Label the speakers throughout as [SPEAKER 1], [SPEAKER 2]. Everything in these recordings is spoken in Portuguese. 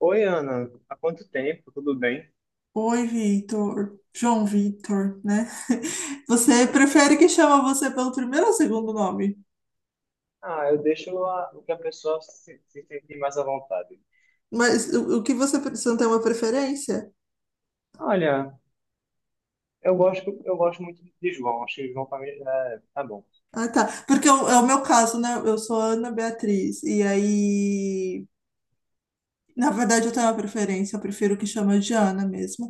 [SPEAKER 1] Oi, Ana, há quanto tempo? Tudo bem?
[SPEAKER 2] Oi, Vitor. João Vitor, né? Você prefere que chama você pelo primeiro ou segundo nome?
[SPEAKER 1] Ah, eu deixo o que a pessoa se sentir mais à vontade.
[SPEAKER 2] Mas o que você não tem uma preferência?
[SPEAKER 1] Olha, eu gosto muito de João, acho que João pra mim tá bom.
[SPEAKER 2] Ah, tá. Porque é o meu caso, né? Eu sou Ana Beatriz. E aí, na verdade, eu tenho uma preferência. Eu prefiro que chama de Ana mesmo.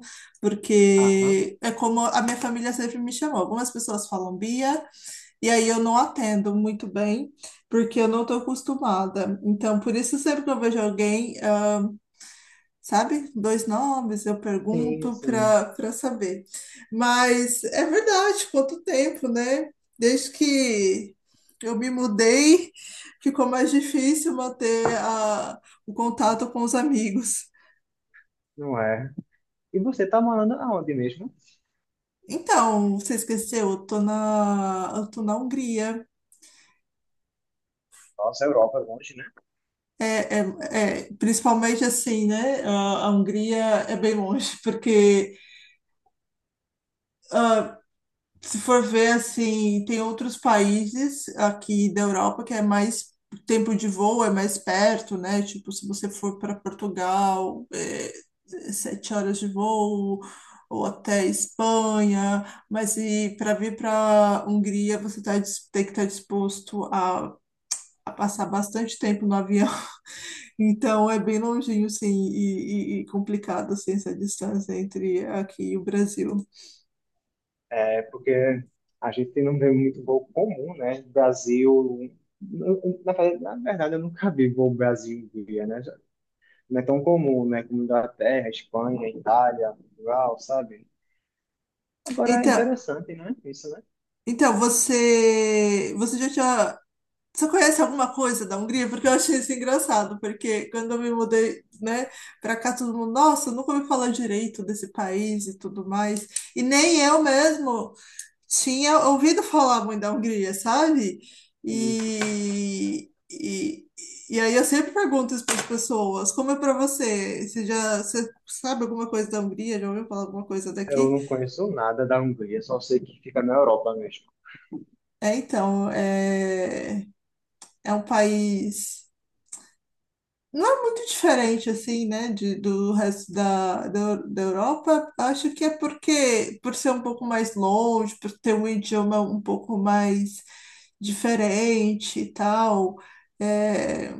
[SPEAKER 1] Aham,
[SPEAKER 2] Porque é como a minha família sempre me chamou. Algumas pessoas falam Bia, e aí eu não atendo muito bem, porque eu não estou acostumada. Então, por isso, sempre que eu vejo alguém, sabe? Dois nomes, eu
[SPEAKER 1] sim,
[SPEAKER 2] pergunto
[SPEAKER 1] sim,
[SPEAKER 2] para saber. Mas é verdade, quanto tempo, né? Desde que eu me mudei, ficou mais difícil manter o contato com os amigos.
[SPEAKER 1] não é. E você tá morando aonde mesmo?
[SPEAKER 2] Então, você esqueceu, eu tô na Hungria.
[SPEAKER 1] Nossa, Europa, é longe, né?
[SPEAKER 2] É, é, é, principalmente assim, né? A Hungria é bem longe, porque se for ver assim, tem outros países aqui da Europa que é mais tempo de voo, é mais perto, né? Tipo, se você for para Portugal, é 7 horas de voo, ou até Espanha, mas e para vir para Hungria, você tem que estar disposto a passar bastante tempo no avião. Então é bem longinho, sim, e complicado assim, essa distância entre aqui e o Brasil.
[SPEAKER 1] É porque a gente não vê muito voo comum, né? Brasil. Na, na verdade, eu nunca vi voo brasil via, né? Não é tão comum, né? Como Inglaterra, Espanha, Itália, Portugal, sabe? Agora é
[SPEAKER 2] Então.
[SPEAKER 1] interessante, né? Isso, né?
[SPEAKER 2] Então, você conhece alguma coisa da Hungria? Porque eu achei isso engraçado, porque quando eu me mudei, né, para cá, todo mundo, nossa, eu nunca ouvi falar direito desse país e tudo mais. E nem eu mesmo tinha ouvido falar muito da Hungria, sabe?
[SPEAKER 1] E
[SPEAKER 2] E, e, e aí eu sempre pergunto isso para as pessoas, como é para você? Você sabe alguma coisa da Hungria? Já ouviu falar alguma coisa
[SPEAKER 1] eu
[SPEAKER 2] daqui?
[SPEAKER 1] não conheço nada da Hungria, só sei que fica na Europa mesmo.
[SPEAKER 2] É, então, é um país. Não é muito diferente, assim, né, do resto da Europa. Acho que é porque, por ser um pouco mais longe, por ter um idioma um pouco mais diferente e tal, é,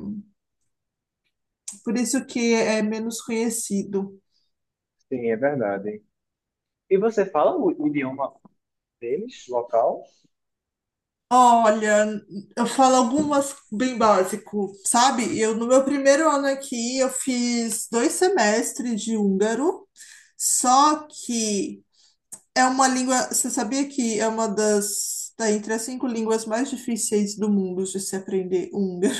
[SPEAKER 2] por isso que é menos conhecido.
[SPEAKER 1] Sim, é verdade. E você fala o idioma deles, local?
[SPEAKER 2] Olha, eu falo algumas bem básico, sabe? Eu, no meu primeiro ano aqui, eu fiz 2 semestres de húngaro, só que é uma língua. Você sabia que é uma das? Tá entre as cinco línguas mais difíceis do mundo de se aprender o húngaro.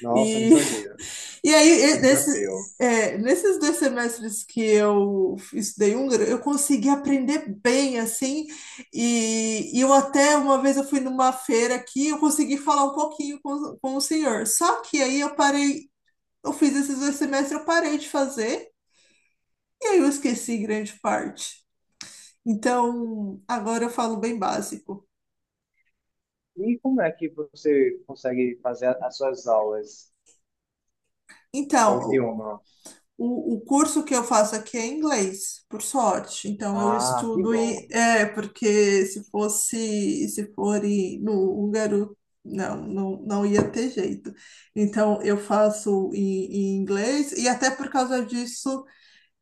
[SPEAKER 1] Nossa, eu não
[SPEAKER 2] E,
[SPEAKER 1] sabia.
[SPEAKER 2] e aí,
[SPEAKER 1] Que
[SPEAKER 2] e- nesse,
[SPEAKER 1] desafio.
[SPEAKER 2] é, nesses 2 semestres que eu estudei húngaro, eu consegui aprender bem, assim. E eu até uma vez eu fui numa feira aqui, eu consegui falar um pouquinho com o senhor. Só que aí eu parei. Eu fiz esses 2 semestres, eu parei de fazer. E aí eu esqueci grande parte. Então, agora eu falo bem básico.
[SPEAKER 1] E como é que você consegue fazer as suas aulas com o
[SPEAKER 2] Então,
[SPEAKER 1] idioma?
[SPEAKER 2] o curso que eu faço aqui é inglês, por sorte. Então, eu
[SPEAKER 1] Ah, que
[SPEAKER 2] estudo
[SPEAKER 1] bom.
[SPEAKER 2] e é porque se for no húngaro, não, não, não ia ter jeito. Então, eu faço em inglês e até por causa disso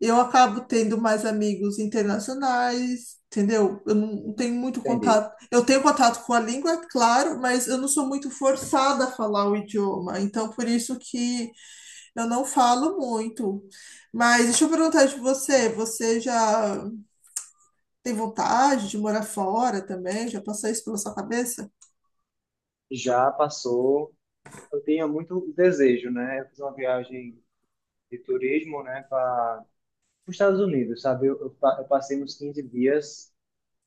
[SPEAKER 2] eu acabo tendo mais amigos internacionais, entendeu? Eu não tenho muito
[SPEAKER 1] Entendi.
[SPEAKER 2] contato. Eu tenho contato com a língua, é claro, mas eu não sou muito forçada a falar o idioma. Então, por isso que eu não falo muito, mas deixa eu perguntar de você, você já tem vontade de morar fora também? Já passou isso pela sua cabeça?
[SPEAKER 1] Já passou. Eu tinha muito desejo, né? Eu fiz uma viagem de turismo, né, para os Estados Unidos, sabe? Eu passei uns 15 dias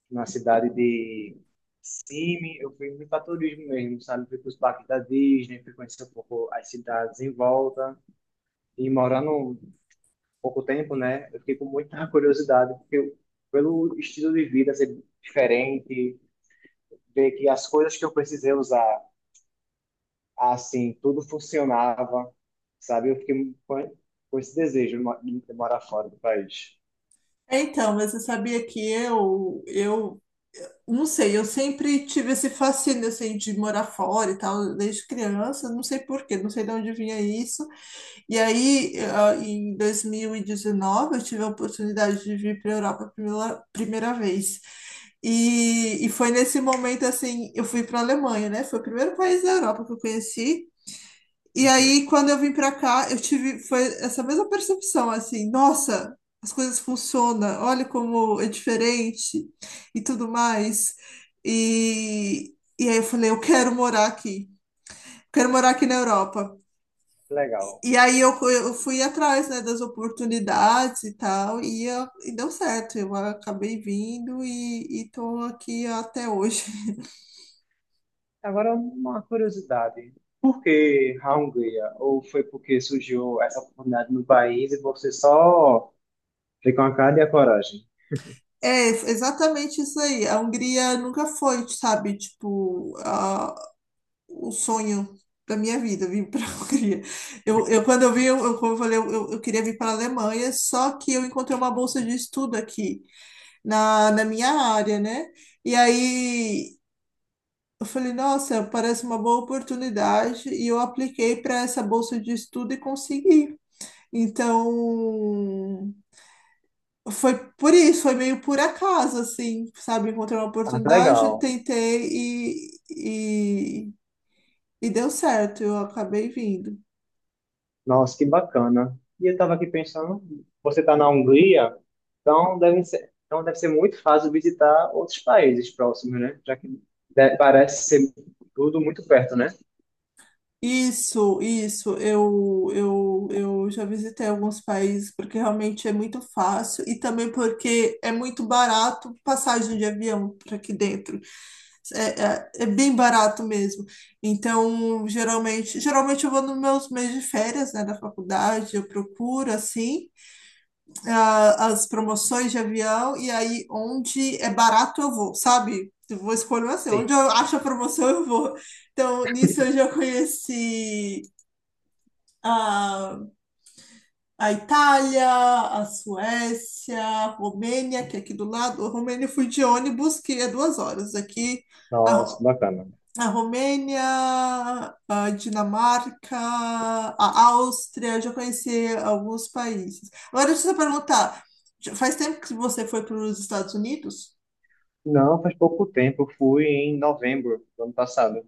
[SPEAKER 1] na cidade de Simi, eu fui muito para turismo mesmo, sabe? Fui para os parques da Disney, fui conhecer um pouco as cidades em volta. E morando um pouco tempo, né? Eu fiquei com muita curiosidade, pelo estilo de vida ser diferente, ver que as coisas que eu precisei usar, assim, tudo funcionava, sabe? Eu fiquei com esse desejo de morar fora do país.
[SPEAKER 2] É, então, mas você sabia que eu não sei, eu sempre tive esse fascínio assim de morar fora e tal, desde criança, não sei por quê, não sei de onde vinha isso. E aí, em 2019, eu tive a oportunidade de vir para a Europa pela primeira vez. E foi nesse momento, assim, eu fui para a Alemanha, né? Foi o primeiro país da Europa que eu conheci. E
[SPEAKER 1] Uhum.
[SPEAKER 2] aí, quando eu vim para cá, foi essa mesma percepção, assim, nossa, as coisas funcionam, olha como é diferente e tudo mais. E aí eu falei, eu quero morar aqui. Quero morar aqui na Europa.
[SPEAKER 1] Legal.
[SPEAKER 2] E aí eu fui atrás, né, das oportunidades e tal, e deu certo. Eu acabei vindo e estou aqui até hoje.
[SPEAKER 1] Agora, uma curiosidade. Por que a Hungria? Ou foi porque surgiu essa oportunidade no país e você só foi com a cara e a coragem?
[SPEAKER 2] É, exatamente isso aí. A Hungria nunca foi, sabe, tipo, o sonho da minha vida, vir para a Hungria. Eu, quando eu vim, como eu falei, eu queria vir para a Alemanha, só que eu encontrei uma bolsa de estudo aqui, na minha área, né? E aí eu falei, nossa, parece uma boa oportunidade, e eu apliquei para essa bolsa de estudo e consegui. Então, foi por isso, foi meio por acaso, assim, sabe? Encontrei uma
[SPEAKER 1] Ah, que
[SPEAKER 2] oportunidade,
[SPEAKER 1] legal.
[SPEAKER 2] tentei e, e, e deu certo, eu acabei vindo.
[SPEAKER 1] Nossa, que bacana. E eu estava aqui pensando, você está na Hungria, então deve ser muito fácil visitar outros países próximos, né? Já que parece ser tudo muito perto, né?
[SPEAKER 2] Isso, eu já visitei alguns países porque realmente é muito fácil e também porque é muito barato passagem de avião para aqui dentro. É, é, é bem barato mesmo. Então, geralmente eu vou nos meus meses de férias, né, da faculdade, eu procuro assim as promoções de avião e aí onde é barato eu vou, sabe? Eu vou escolher assim,
[SPEAKER 1] Sim.
[SPEAKER 2] onde eu acho a promoção eu vou. Então, nisso eu já conheci a, a Itália, a Suécia, a Romênia, que é aqui do lado. A Romênia eu fui de ônibus, que é 2 horas. Aqui,
[SPEAKER 1] Nossa,
[SPEAKER 2] a,
[SPEAKER 1] que bacana.
[SPEAKER 2] a Romênia, a Dinamarca, a Áustria, eu já conheci alguns países. Agora, deixa eu só perguntar, já faz tempo que você foi para os Estados Unidos?
[SPEAKER 1] Não, faz pouco tempo. Eu fui em novembro do ano passado.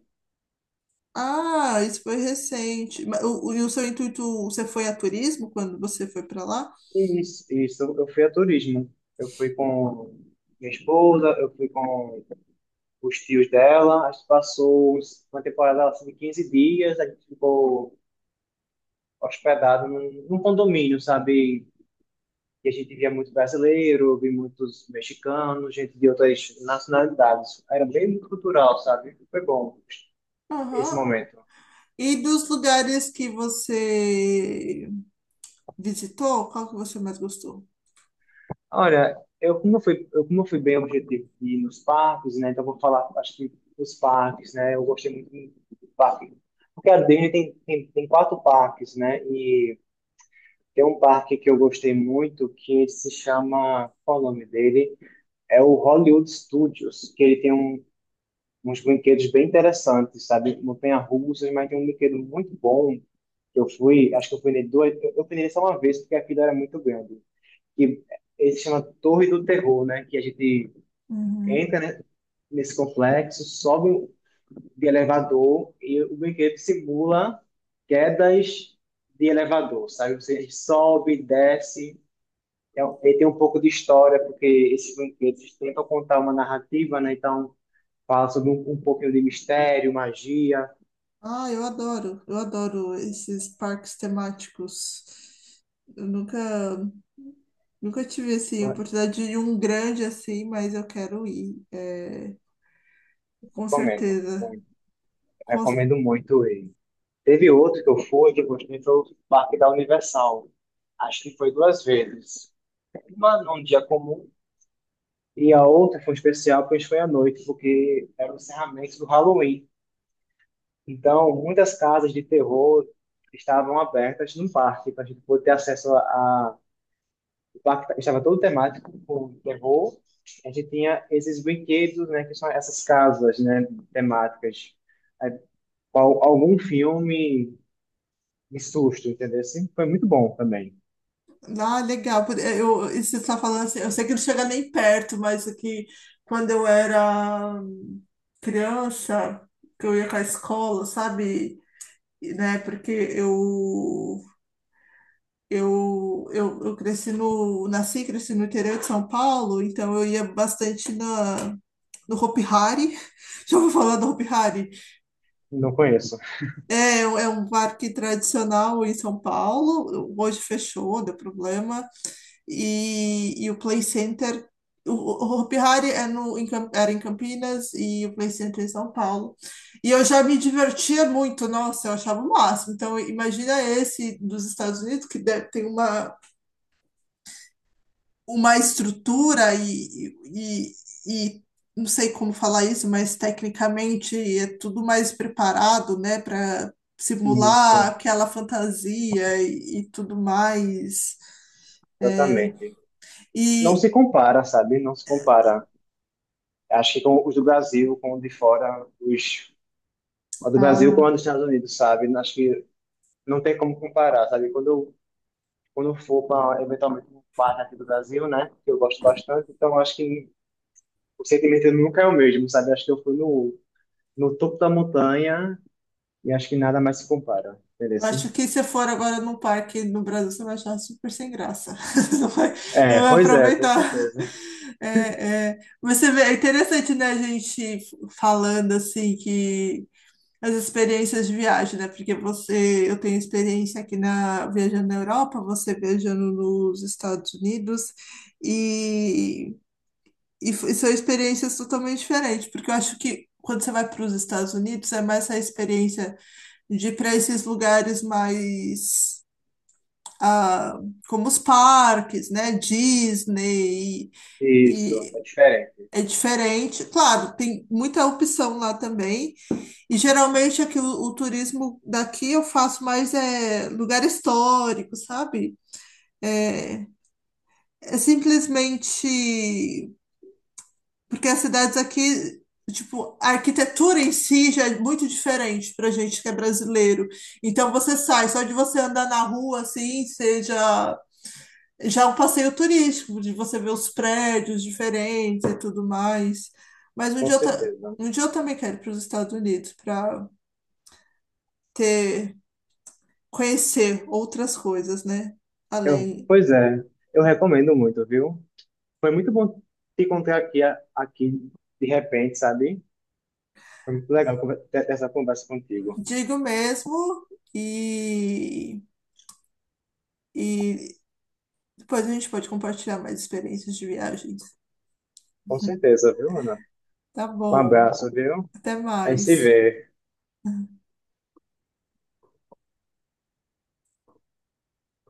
[SPEAKER 2] Ah, isso foi recente. Mas e o seu intuito, você foi a turismo quando você foi para lá?
[SPEAKER 1] Isso, isso. Eu fui a turismo. Eu fui com minha esposa, eu fui com os tios dela. A gente passou uma temporada assim, de 15 dias. A gente ficou hospedado num condomínio, sabe? E a gente via muito brasileiro, via muitos mexicanos, gente de outras nacionalidades. Era bem cultural, sabe? Foi bom esse
[SPEAKER 2] Aham.
[SPEAKER 1] momento.
[SPEAKER 2] E dos lugares que você visitou, qual que você mais gostou?
[SPEAKER 1] Olha, eu como eu fui bem objetivo de ir nos parques, né? Então eu vou falar, acho que dos parques, né? Eu gostei muito do parque, porque a Disney tem 4 parques, né? E tem um parque que eu gostei muito que ele se chama, qual é o nome dele? É o Hollywood Studios, que ele tem uns brinquedos bem interessantes, sabe? Montanha-russas, mas tem um brinquedo muito bom que eu fui, acho que eu fui nele duas, eu fui nele só uma vez porque aquilo era muito grande que ele se chama Torre do Terror, né? Que a gente
[SPEAKER 2] Uhum.
[SPEAKER 1] entra, né, nesse complexo, sobe de elevador e o brinquedo simula quedas de elevador, sabe? Você sobe, desce. Ele tem um pouco de história, porque esses brinquedos tentam contar uma narrativa, né? Então, fala sobre um pouquinho de mistério, magia.
[SPEAKER 2] Ah, eu adoro esses parques temáticos. Eu nunca, nunca tive assim a
[SPEAKER 1] Eu
[SPEAKER 2] oportunidade de ir em um grande assim, mas eu quero ir, com
[SPEAKER 1] Recomendo
[SPEAKER 2] certeza.
[SPEAKER 1] muito.
[SPEAKER 2] Com cer-
[SPEAKER 1] Recomendo muito ele. Teve outro que eu fui, que eu gostei, foi o Parque da Universal. Acho que foi duas vezes. Uma num dia comum e a outra foi especial, pois foi à noite, porque era o encerramento do Halloween. Então, muitas casas de terror estavam abertas no parque, para a gente poder ter acesso o parque estava todo temático com terror. A gente tinha esses brinquedos, né, que são essas casas, né, temáticas. Aí, algum filme de susto, entendeu? Assim, foi muito bom também.
[SPEAKER 2] legal. Isso que você está falando assim, eu sei que não chega nem perto, mas aqui quando eu era criança, que eu ia com a escola, sabe? E, né? Porque eu cresci nasci e cresci no interior de São Paulo, então eu ia bastante no Hopi Hari. Já vou falar do Hopi Hari.
[SPEAKER 1] Não conheço.
[SPEAKER 2] É, é um parque tradicional em São Paulo, hoje fechou, deu problema. E o Play Center, o Hopi Hari é no, em Cam- era em Campinas e o Play Center é em São Paulo. E eu já me divertia muito, nossa, eu achava o máximo. Então, imagina esse dos Estados Unidos, que tem uma estrutura e não sei como falar isso, mas tecnicamente é tudo mais preparado, né, para simular
[SPEAKER 1] Isso,
[SPEAKER 2] aquela fantasia e tudo mais. É,
[SPEAKER 1] exatamente. Não
[SPEAKER 2] e.
[SPEAKER 1] se compara, sabe? Não se compara. Acho que com os do Brasil, com os de fora, os a do Brasil com a
[SPEAKER 2] Ah.
[SPEAKER 1] dos Estados Unidos, sabe? Acho que não tem como comparar, sabe? Quando eu for para, eventualmente, um bar aqui do Brasil, né? Que eu gosto bastante, então acho que o sentimento nunca é o mesmo, sabe? Acho que eu fui no topo da montanha e acho que nada mais se compara, entendeu? Assim?
[SPEAKER 2] Acho que se for agora num parque no Brasil, você vai achar super sem graça. Não vai, não
[SPEAKER 1] É,
[SPEAKER 2] vai
[SPEAKER 1] pois é, com
[SPEAKER 2] aproveitar.
[SPEAKER 1] certeza.
[SPEAKER 2] É, é. Mas você vê, é interessante, né, a gente falando assim que as experiências de viagem, né? Porque eu tenho experiência aqui na viajando na Europa, você viajando nos Estados Unidos e, e são experiências totalmente diferentes, porque eu acho que quando você vai para os Estados Unidos é mais a experiência de ir para esses lugares mais ah, como os parques, né? Disney
[SPEAKER 1] Isso,
[SPEAKER 2] e
[SPEAKER 1] é diferente,
[SPEAKER 2] é diferente. Claro, tem muita opção lá também. E geralmente aqui o turismo daqui eu faço mais é lugar histórico, sabe? É, é simplesmente porque as cidades aqui, tipo, a arquitetura em si já é muito diferente pra gente que é brasileiro. Então você sai, só de você andar na rua assim, seja já é um passeio turístico, de você ver os prédios diferentes e tudo mais. Mas um
[SPEAKER 1] com
[SPEAKER 2] dia eu, ta-
[SPEAKER 1] certeza.
[SPEAKER 2] um dia eu também quero ir para os Estados Unidos para ter conhecer outras coisas, né? Além,
[SPEAKER 1] Pois é, eu recomendo muito, viu? Foi muito bom te encontrar aqui de repente, sabe? Foi muito legal ter essa conversa contigo.
[SPEAKER 2] digo mesmo, e, e depois a gente pode compartilhar mais experiências de viagens.
[SPEAKER 1] Com certeza, viu, Ana?
[SPEAKER 2] Tá
[SPEAKER 1] Um
[SPEAKER 2] bom.
[SPEAKER 1] abraço, viu?
[SPEAKER 2] Até
[SPEAKER 1] A gente se
[SPEAKER 2] mais.
[SPEAKER 1] vê.